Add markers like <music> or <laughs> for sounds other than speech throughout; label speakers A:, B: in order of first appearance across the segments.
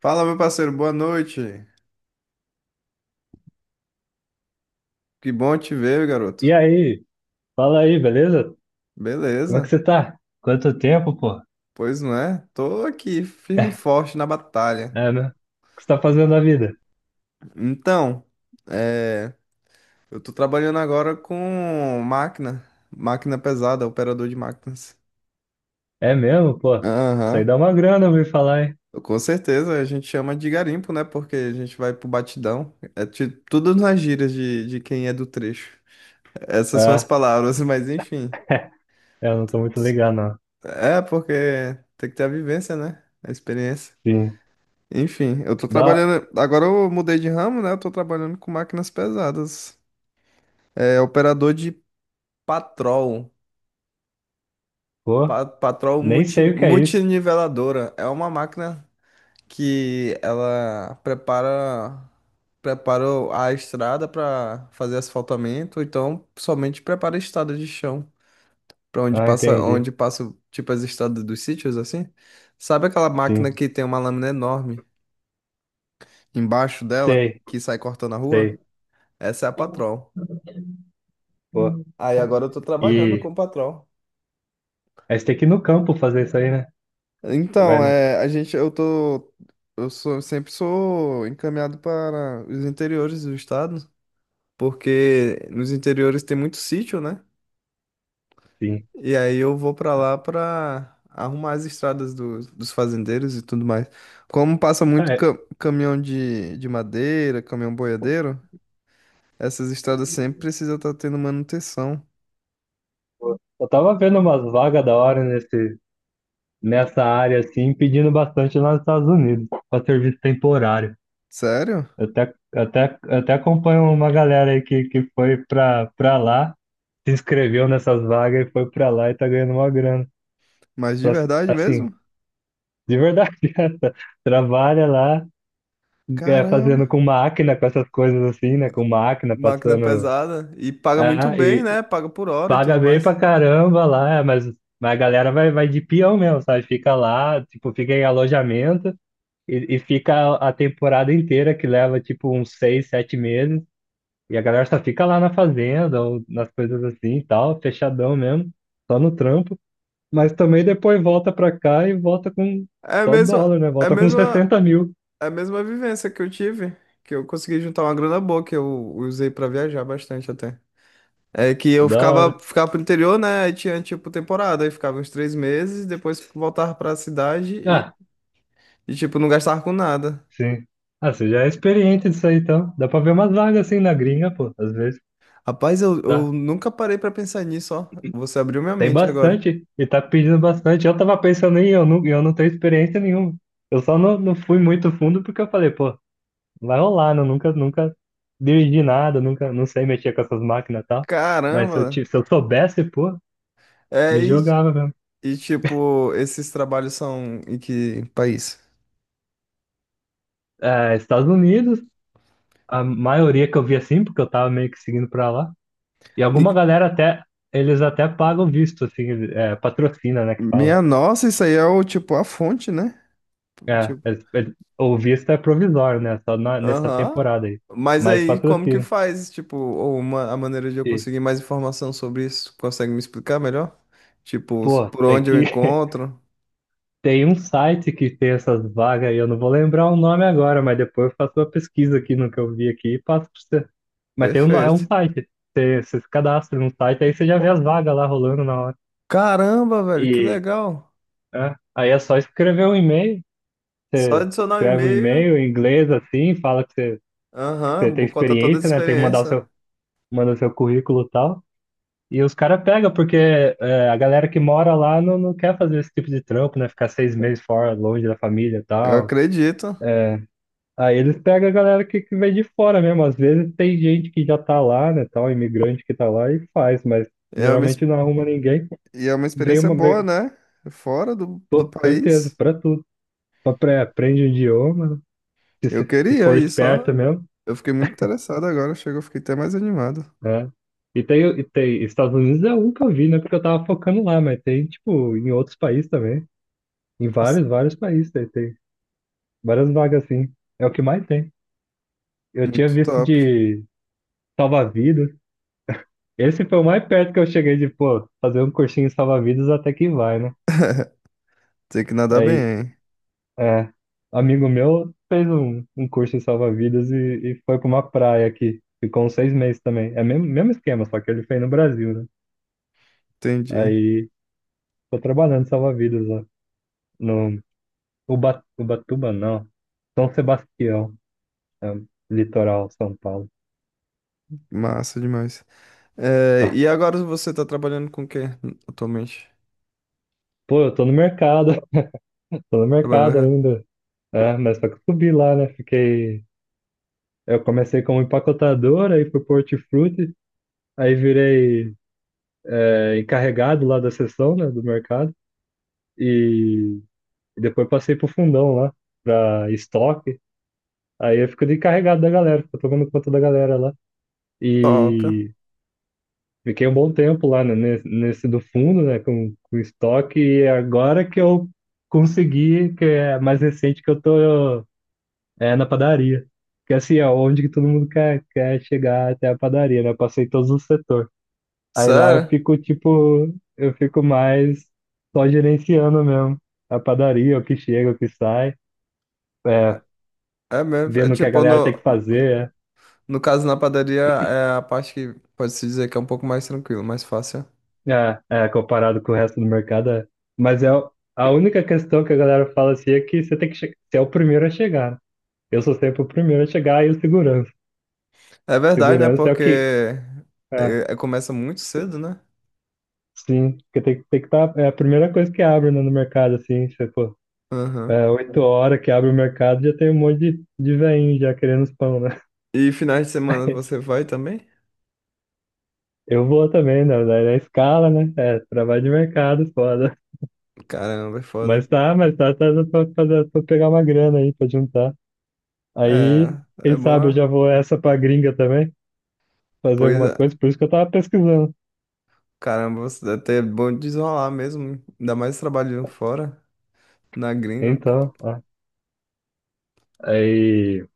A: Fala, meu parceiro, boa noite. Que bom te ver,
B: E
A: garoto.
B: aí, fala aí, beleza? Como é que
A: Beleza?
B: você tá? Quanto tempo, pô?
A: Pois não é? Tô aqui, firme e
B: É,
A: forte na batalha.
B: é, né? O que você tá fazendo na vida?
A: Então, é, eu tô trabalhando agora com máquina, máquina pesada, operador de máquinas.
B: É mesmo, pô? Isso aí
A: Aham.
B: dá uma grana, eu ouvi falar, hein?
A: Com certeza, a gente chama de garimpo, né? Porque a gente vai pro batidão. É tudo nas gírias de quem é do trecho. Essas são as
B: Ah,
A: palavras, <laughs> mas enfim.
B: <laughs> eu não tô muito ligado, não.
A: É, porque tem que ter a vivência, né? A experiência.
B: Sim.
A: Enfim, eu tô
B: Dá,
A: trabalhando. Agora eu mudei de ramo, né? Eu tô trabalhando com máquinas pesadas. É operador de patrol.
B: pô,
A: Patrol
B: nem sei o que é isso.
A: multiniveladora. É uma máquina que ela prepara a estrada para fazer asfaltamento, ou então somente prepara a estrada de chão, para
B: Ah, entendi.
A: onde passa tipo as estradas dos sítios assim. Sabe aquela máquina
B: Sim.
A: que tem uma lâmina enorme embaixo dela
B: Sei,
A: que sai cortando a rua?
B: sei,
A: Essa é a patrol.
B: pô.
A: Aí agora eu tô trabalhando
B: E
A: como patrão.
B: aí você tem que ir no campo fazer isso aí, né? Você vai
A: Então,
B: no...
A: a gente, eu tô, eu sou, sempre sou encaminhado para os interiores do estado, porque nos interiores tem muito sítio, né?
B: Sim.
A: E aí eu vou pra lá pra arrumar as estradas dos fazendeiros e tudo mais. Como passa
B: Ah,
A: muito
B: é,
A: caminhão de madeira, caminhão boiadeiro, essas estradas sempre precisam estar tendo manutenção.
B: pô. Eu tava vendo umas vagas da hora nesse nessa área assim, pedindo bastante lá nos Estados Unidos, para serviço temporário.
A: Sério?
B: Eu até acompanho uma galera aí que foi pra lá, se inscreveu nessas vagas e foi pra lá e tá ganhando uma grana.
A: Mas de
B: Pra-
A: verdade
B: Assim,
A: mesmo?
B: de verdade, <laughs> essa. Trabalha lá, é, fazendo
A: Caramba!
B: com máquina, com essas coisas assim, né? Com máquina,
A: Máquina
B: passando.
A: pesada e paga muito
B: Ah,
A: bem,
B: e
A: né? Paga por hora e
B: paga
A: tudo
B: bem
A: mais.
B: pra caramba lá, é, mas a galera vai de peão mesmo, sabe? Fica lá, tipo, fica em alojamento. E fica a temporada inteira, que leva tipo uns 6, 7 meses, e a galera só fica lá na fazenda, ou nas coisas assim e tal, fechadão mesmo, só no trampo. Mas também depois volta pra cá e volta com
A: É a
B: só
A: mesma,
B: dólar, né?
A: é a
B: Volta com
A: mesma,
B: 60 mil.
A: é a mesma vivência que eu tive, que eu consegui juntar uma grana boa que eu usei pra viajar bastante até. É que
B: É
A: eu
B: da
A: ficava,
B: hora.
A: ficava pro interior, né? Aí tinha tipo temporada, aí ficava uns 3 meses, depois voltava pra cidade e,
B: Ah,
A: e tipo não gastava com nada.
B: sim. Ah, você já é experiente disso aí, então. Dá pra ver umas vagas assim na gringa, pô. Às vezes
A: Rapaz, eu
B: dá.
A: nunca parei pra pensar nisso, ó. Você abriu minha
B: Tem
A: mente agora.
B: bastante. E tá pedindo bastante. Eu tava pensando em eu não tenho experiência nenhuma. Eu só não fui muito fundo porque eu falei, pô, vai rolar, não, nunca dirigi nada, nunca, não sei mexer com essas máquinas e tal. Mas
A: Caramba!
B: se eu soubesse, pô,
A: É,
B: me
A: e,
B: jogava mesmo.
A: e tipo, esses trabalhos são em que país?
B: É, Estados Unidos, a maioria que eu vi assim, porque eu tava meio que seguindo pra lá. E
A: E-
B: alguma galera até, eles até pagam visto, assim, é, patrocina, né, que fala.
A: Minha nossa, isso aí é o tipo a fonte, né?
B: É,
A: Tipo,
B: o visto é provisório, né, nessa
A: aham.
B: temporada aí.
A: Mas
B: Mas
A: aí, como que
B: patrocina.
A: faz? Tipo, a maneira de eu
B: E,
A: conseguir mais informação sobre isso? Consegue me explicar melhor? Tipo,
B: pô,
A: por
B: tem
A: onde eu
B: que. <laughs>
A: encontro?
B: Tem um site que tem essas vagas e eu não vou lembrar o nome agora, mas depois eu faço uma pesquisa aqui no que eu vi aqui e passo pra você. Mas tem um, é um
A: Perfeito.
B: site. Você se cadastra num site, aí você já vê as vagas lá rolando na hora.
A: Caramba, velho, que
B: E
A: legal.
B: é, aí é só escrever um e-mail.
A: Só
B: Você
A: adicionar o
B: escreve um
A: e-mail.
B: e-mail em inglês assim, fala que que você
A: Aham,
B: tem
A: vou contar toda a
B: experiência, né? Tem que mandar o
A: experiência.
B: manda o seu currículo e tal. E os caras pegam, porque é, a galera que mora lá não quer fazer esse tipo de trampo, né? Ficar 6 meses fora, longe da família e
A: Eu
B: tal.
A: acredito.
B: Aí eles pegam a galera que vem de fora mesmo. Às vezes tem gente que já tá lá, né, tal, imigrante que tá lá e faz, mas
A: É uma, ex-
B: geralmente não arruma ninguém.
A: e é uma
B: Vem
A: experiência
B: uma
A: boa,
B: vez,
A: né? Fora do
B: pô, certeza,
A: país.
B: pra tudo. Aprende o idioma, né,
A: Eu
B: se
A: queria
B: for
A: isso,
B: esperto
A: ó.
B: mesmo,
A: Eu fiquei muito interessado agora, chegou, fiquei até mais animado.
B: né? E tem, Estados Unidos é um que eu vi, né, porque eu tava focando lá, mas tem, tipo, em outros países também. Em
A: Nossa,
B: vários países tem várias vagas assim. É o que mais tem. Eu tinha
A: muito
B: visto
A: top.
B: de salva-vidas. Esse foi o mais perto que eu cheguei de, pô, fazer um cursinho salva-vidas até que vai, né?
A: <laughs> Tem que nadar bem,
B: Aí,
A: hein?
B: é, amigo meu fez um curso em salva-vidas e foi pra uma praia aqui. Ficou uns 6 meses também. É o mesmo esquema, só que ele fez no Brasil, né?
A: Entendi.
B: Aí, tô trabalhando em salva-vidas lá no Uba, Ubatuba, não. São Sebastião, é, um litoral, São Paulo.
A: Massa demais. E
B: <laughs>
A: agora você tá trabalhando com o quê atualmente?
B: Pô, eu tô no mercado, <laughs> tô no
A: Trabalhando
B: mercado
A: já?
B: ainda. É, mas só que eu subi lá, né? Fiquei. Eu comecei como empacotador, aí fui pro hortifruti, aí virei é, encarregado lá da seção, né, do mercado, e depois passei pro fundão lá, pra estoque, aí eu fico de encarregado da galera, fico tomando conta da galera lá,
A: Top.
B: e fiquei um bom tempo lá, né, nesse do fundo, né, com estoque, e agora que eu consegui, que é mais recente que eu tô é, na padaria. Porque assim, é onde que todo mundo quer chegar até a padaria, né? Eu passei todos os setores. Aí lá eu
A: Sério?
B: fico, tipo, eu fico mais só gerenciando mesmo. A padaria, o que chega, o que sai, é,
A: É mesmo. É
B: vendo o que a
A: tipo,
B: galera tem que
A: no,
B: fazer,
A: no caso na padaria é a parte que pode-se dizer que é um pouco mais tranquilo, mais fácil.
B: é, é, comparado com o resto do mercado. É. Mas a única questão que a galera fala assim é que você tem que você é o primeiro a chegar. Eu sou sempre o primeiro a chegar e o segurança.
A: É verdade, né?
B: Segurança é o que.
A: Porque
B: É,
A: começa muito cedo, né?
B: sim, porque tem que estar. É a primeira coisa que abre, né, no mercado, assim, se for.
A: Aham.
B: É, 8 horas que abre o mercado, já tem um monte de veinho já querendo os pão, né?
A: E finais de semana
B: <laughs>
A: você vai também?
B: Eu vou também, na escala, né? É, trabalho de mercado, foda.
A: Caramba, é foda,
B: Mas
A: hein?
B: tá pra, fazer- pra pegar uma grana aí, pra juntar. Aí,
A: É,
B: quem
A: é bom.
B: sabe eu já
A: Ah.
B: vou essa pra gringa também, fazer
A: Pois
B: alguma
A: é.
B: coisa, por isso que eu tava pesquisando.
A: Caramba, você até é bom desenrolar mesmo. Ainda mais trabalhando fora, na gringa.
B: Então, ó, aí,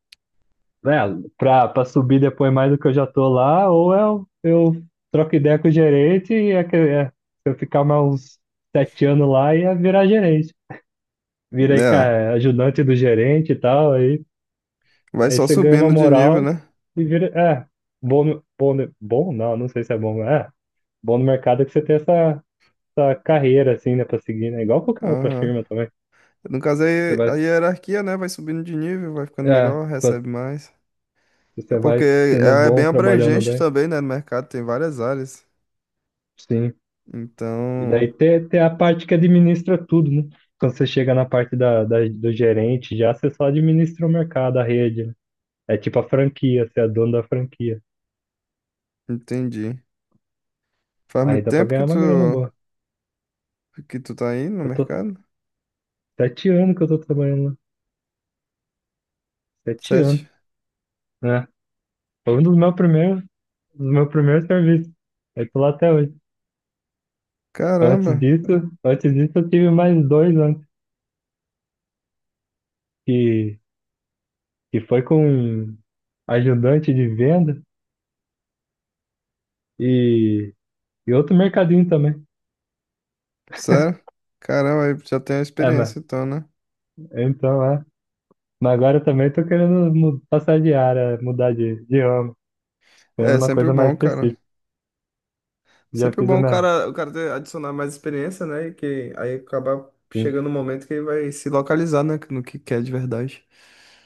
B: né, pra subir depois mais do que eu já tô lá, ou eu troco ideia com o gerente e é, se eu ficar mais uns 7 anos lá, ia virar gerente. Virei,
A: É,
B: cara, ajudante do gerente e tal. Aí
A: vai
B: Aí
A: só
B: você ganha uma
A: subindo de nível,
B: moral
A: né?
B: e vira. É, bom não, não sei se é bom, mas é bom no mercado é que você tem essa, essa carreira, assim, né, pra seguir, né? Igual qualquer outra
A: Aham.
B: firma também.
A: No caso,
B: Você
A: aí
B: vai.
A: a hierarquia, né? Vai subindo de nível, vai ficando
B: É,
A: melhor,
B: quando
A: recebe mais. É
B: você
A: porque
B: vai sendo
A: é
B: bom,
A: bem
B: trabalhando
A: abrangente
B: bem.
A: também, né? No mercado tem várias áreas.
B: Sim. E
A: Então,
B: daí tem a parte que administra tudo, né? Quando você chega na parte do gerente, já você só administra o mercado, a rede, né? É tipo a franquia, você é dono da franquia.
A: entendi. Faz
B: Aí
A: muito
B: dá pra
A: tempo que
B: ganhar uma
A: tu,
B: grana boa.
A: que tu tá aí no
B: Eu tô
A: mercado?
B: 7 anos que eu tô trabalhando lá. Sete
A: Sete?
B: anos. Né, foi um dos meus primeiros serviços. Eu tô lá até hoje.
A: Caramba.
B: Antes disso eu tive mais dois antes, que, que foi com ajudante de venda e, e outro mercadinho também.
A: Sério? Caramba, aí já tem a
B: É, mas,
A: experiência então, né?
B: então, é. Mas agora eu também tô querendo passar de área, mudar de ramo, querendo
A: É
B: uma
A: sempre
B: coisa mais
A: bom, cara.
B: específica. Já
A: Sempre
B: fiz a
A: bom o
B: minha,
A: cara, o cara ter, adicionar mais experiência, né? E que aí acaba
B: sim.
A: chegando um momento que ele vai se localizar, né? No que quer de verdade.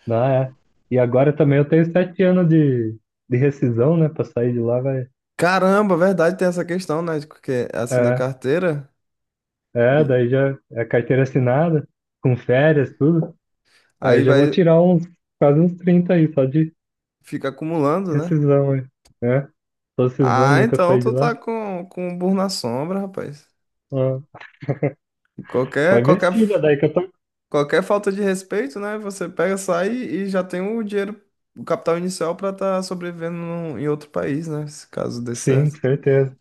B: Não, é. E agora também eu tenho 7 anos de rescisão, né? Pra sair de lá vai.
A: Caramba, verdade, tem essa questão, né? de Porque assim na
B: É.
A: carteira,
B: É,
A: hum,
B: daí já é carteira assinada, com férias, tudo. Aí eu
A: aí
B: já vou
A: vai
B: tirar uns, quase uns 30 aí, só de
A: fica acumulando, né?
B: rescisão aí, né? Tô rescisão,
A: Ah,
B: nunca
A: então
B: saí de
A: tu tá
B: lá.
A: com um burro na sombra, rapaz.
B: Ah, pra
A: Qualquer, qualquer
B: investir, já daí que eu tô.
A: Qualquer falta de respeito, né? Você pega, sai e já tem o dinheiro, o capital inicial pra estar sobrevivendo em outro país, né? Se caso dê
B: Sim,
A: certo.
B: certeza.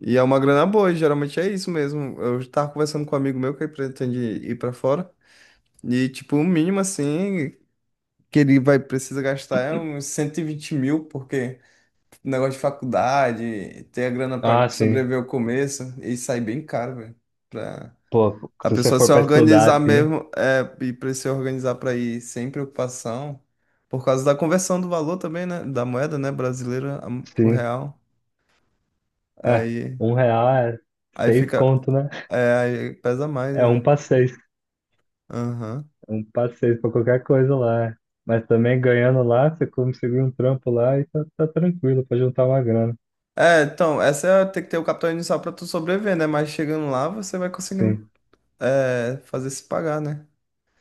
A: E é uma grana boa, e geralmente é isso mesmo. Eu tava conversando com um amigo meu que pretende ir pra fora. E, tipo, o mínimo, assim, que ele vai precisa gastar é uns 120 mil, porque negócio de faculdade, ter a grana pra
B: Ah, sim.
A: sobreviver ao começo, e sai bem caro, velho.
B: Pô,
A: A
B: se você
A: pessoa se
B: for pra estudar,
A: organizar
B: sim,
A: mesmo e para se organizar para ir sem preocupação, por causa da conversão do valor também, né? Da moeda, né? Brasileira, o
B: sim.
A: real.
B: É,
A: Aí,
B: um real é
A: aí
B: seis
A: fica.
B: conto, né?
A: É, aí pesa mais,
B: É um
A: né?
B: pra seis.
A: Aham.
B: Um pra seis pra qualquer coisa lá. É. Mas também ganhando lá, você consegue um trampo lá e tá tranquilo pra juntar uma grana.
A: É, então, tem que ter o capital inicial para tu sobreviver, né? Mas chegando lá, você vai conseguindo
B: Sim.
A: fazer se pagar, né?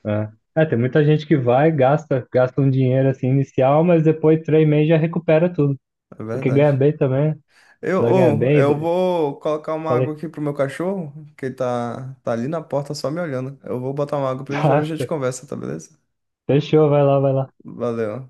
B: É. É, tem muita gente que vai, gasta, gasta um dinheiro assim inicial, mas depois 3 meses já recupera tudo.
A: É
B: Porque ganha
A: verdade.
B: bem também,
A: Eu,
B: vai ganhar
A: ou, eu
B: bem.
A: vou colocar uma água
B: Falei,
A: aqui pro meu cachorro, que ele tá ali na porta só me olhando. Eu vou botar uma água
B: <laughs>
A: pra ele já,
B: ah,
A: já te conversa, tá beleza?
B: fechou, vai lá, vai lá.
A: Valeu.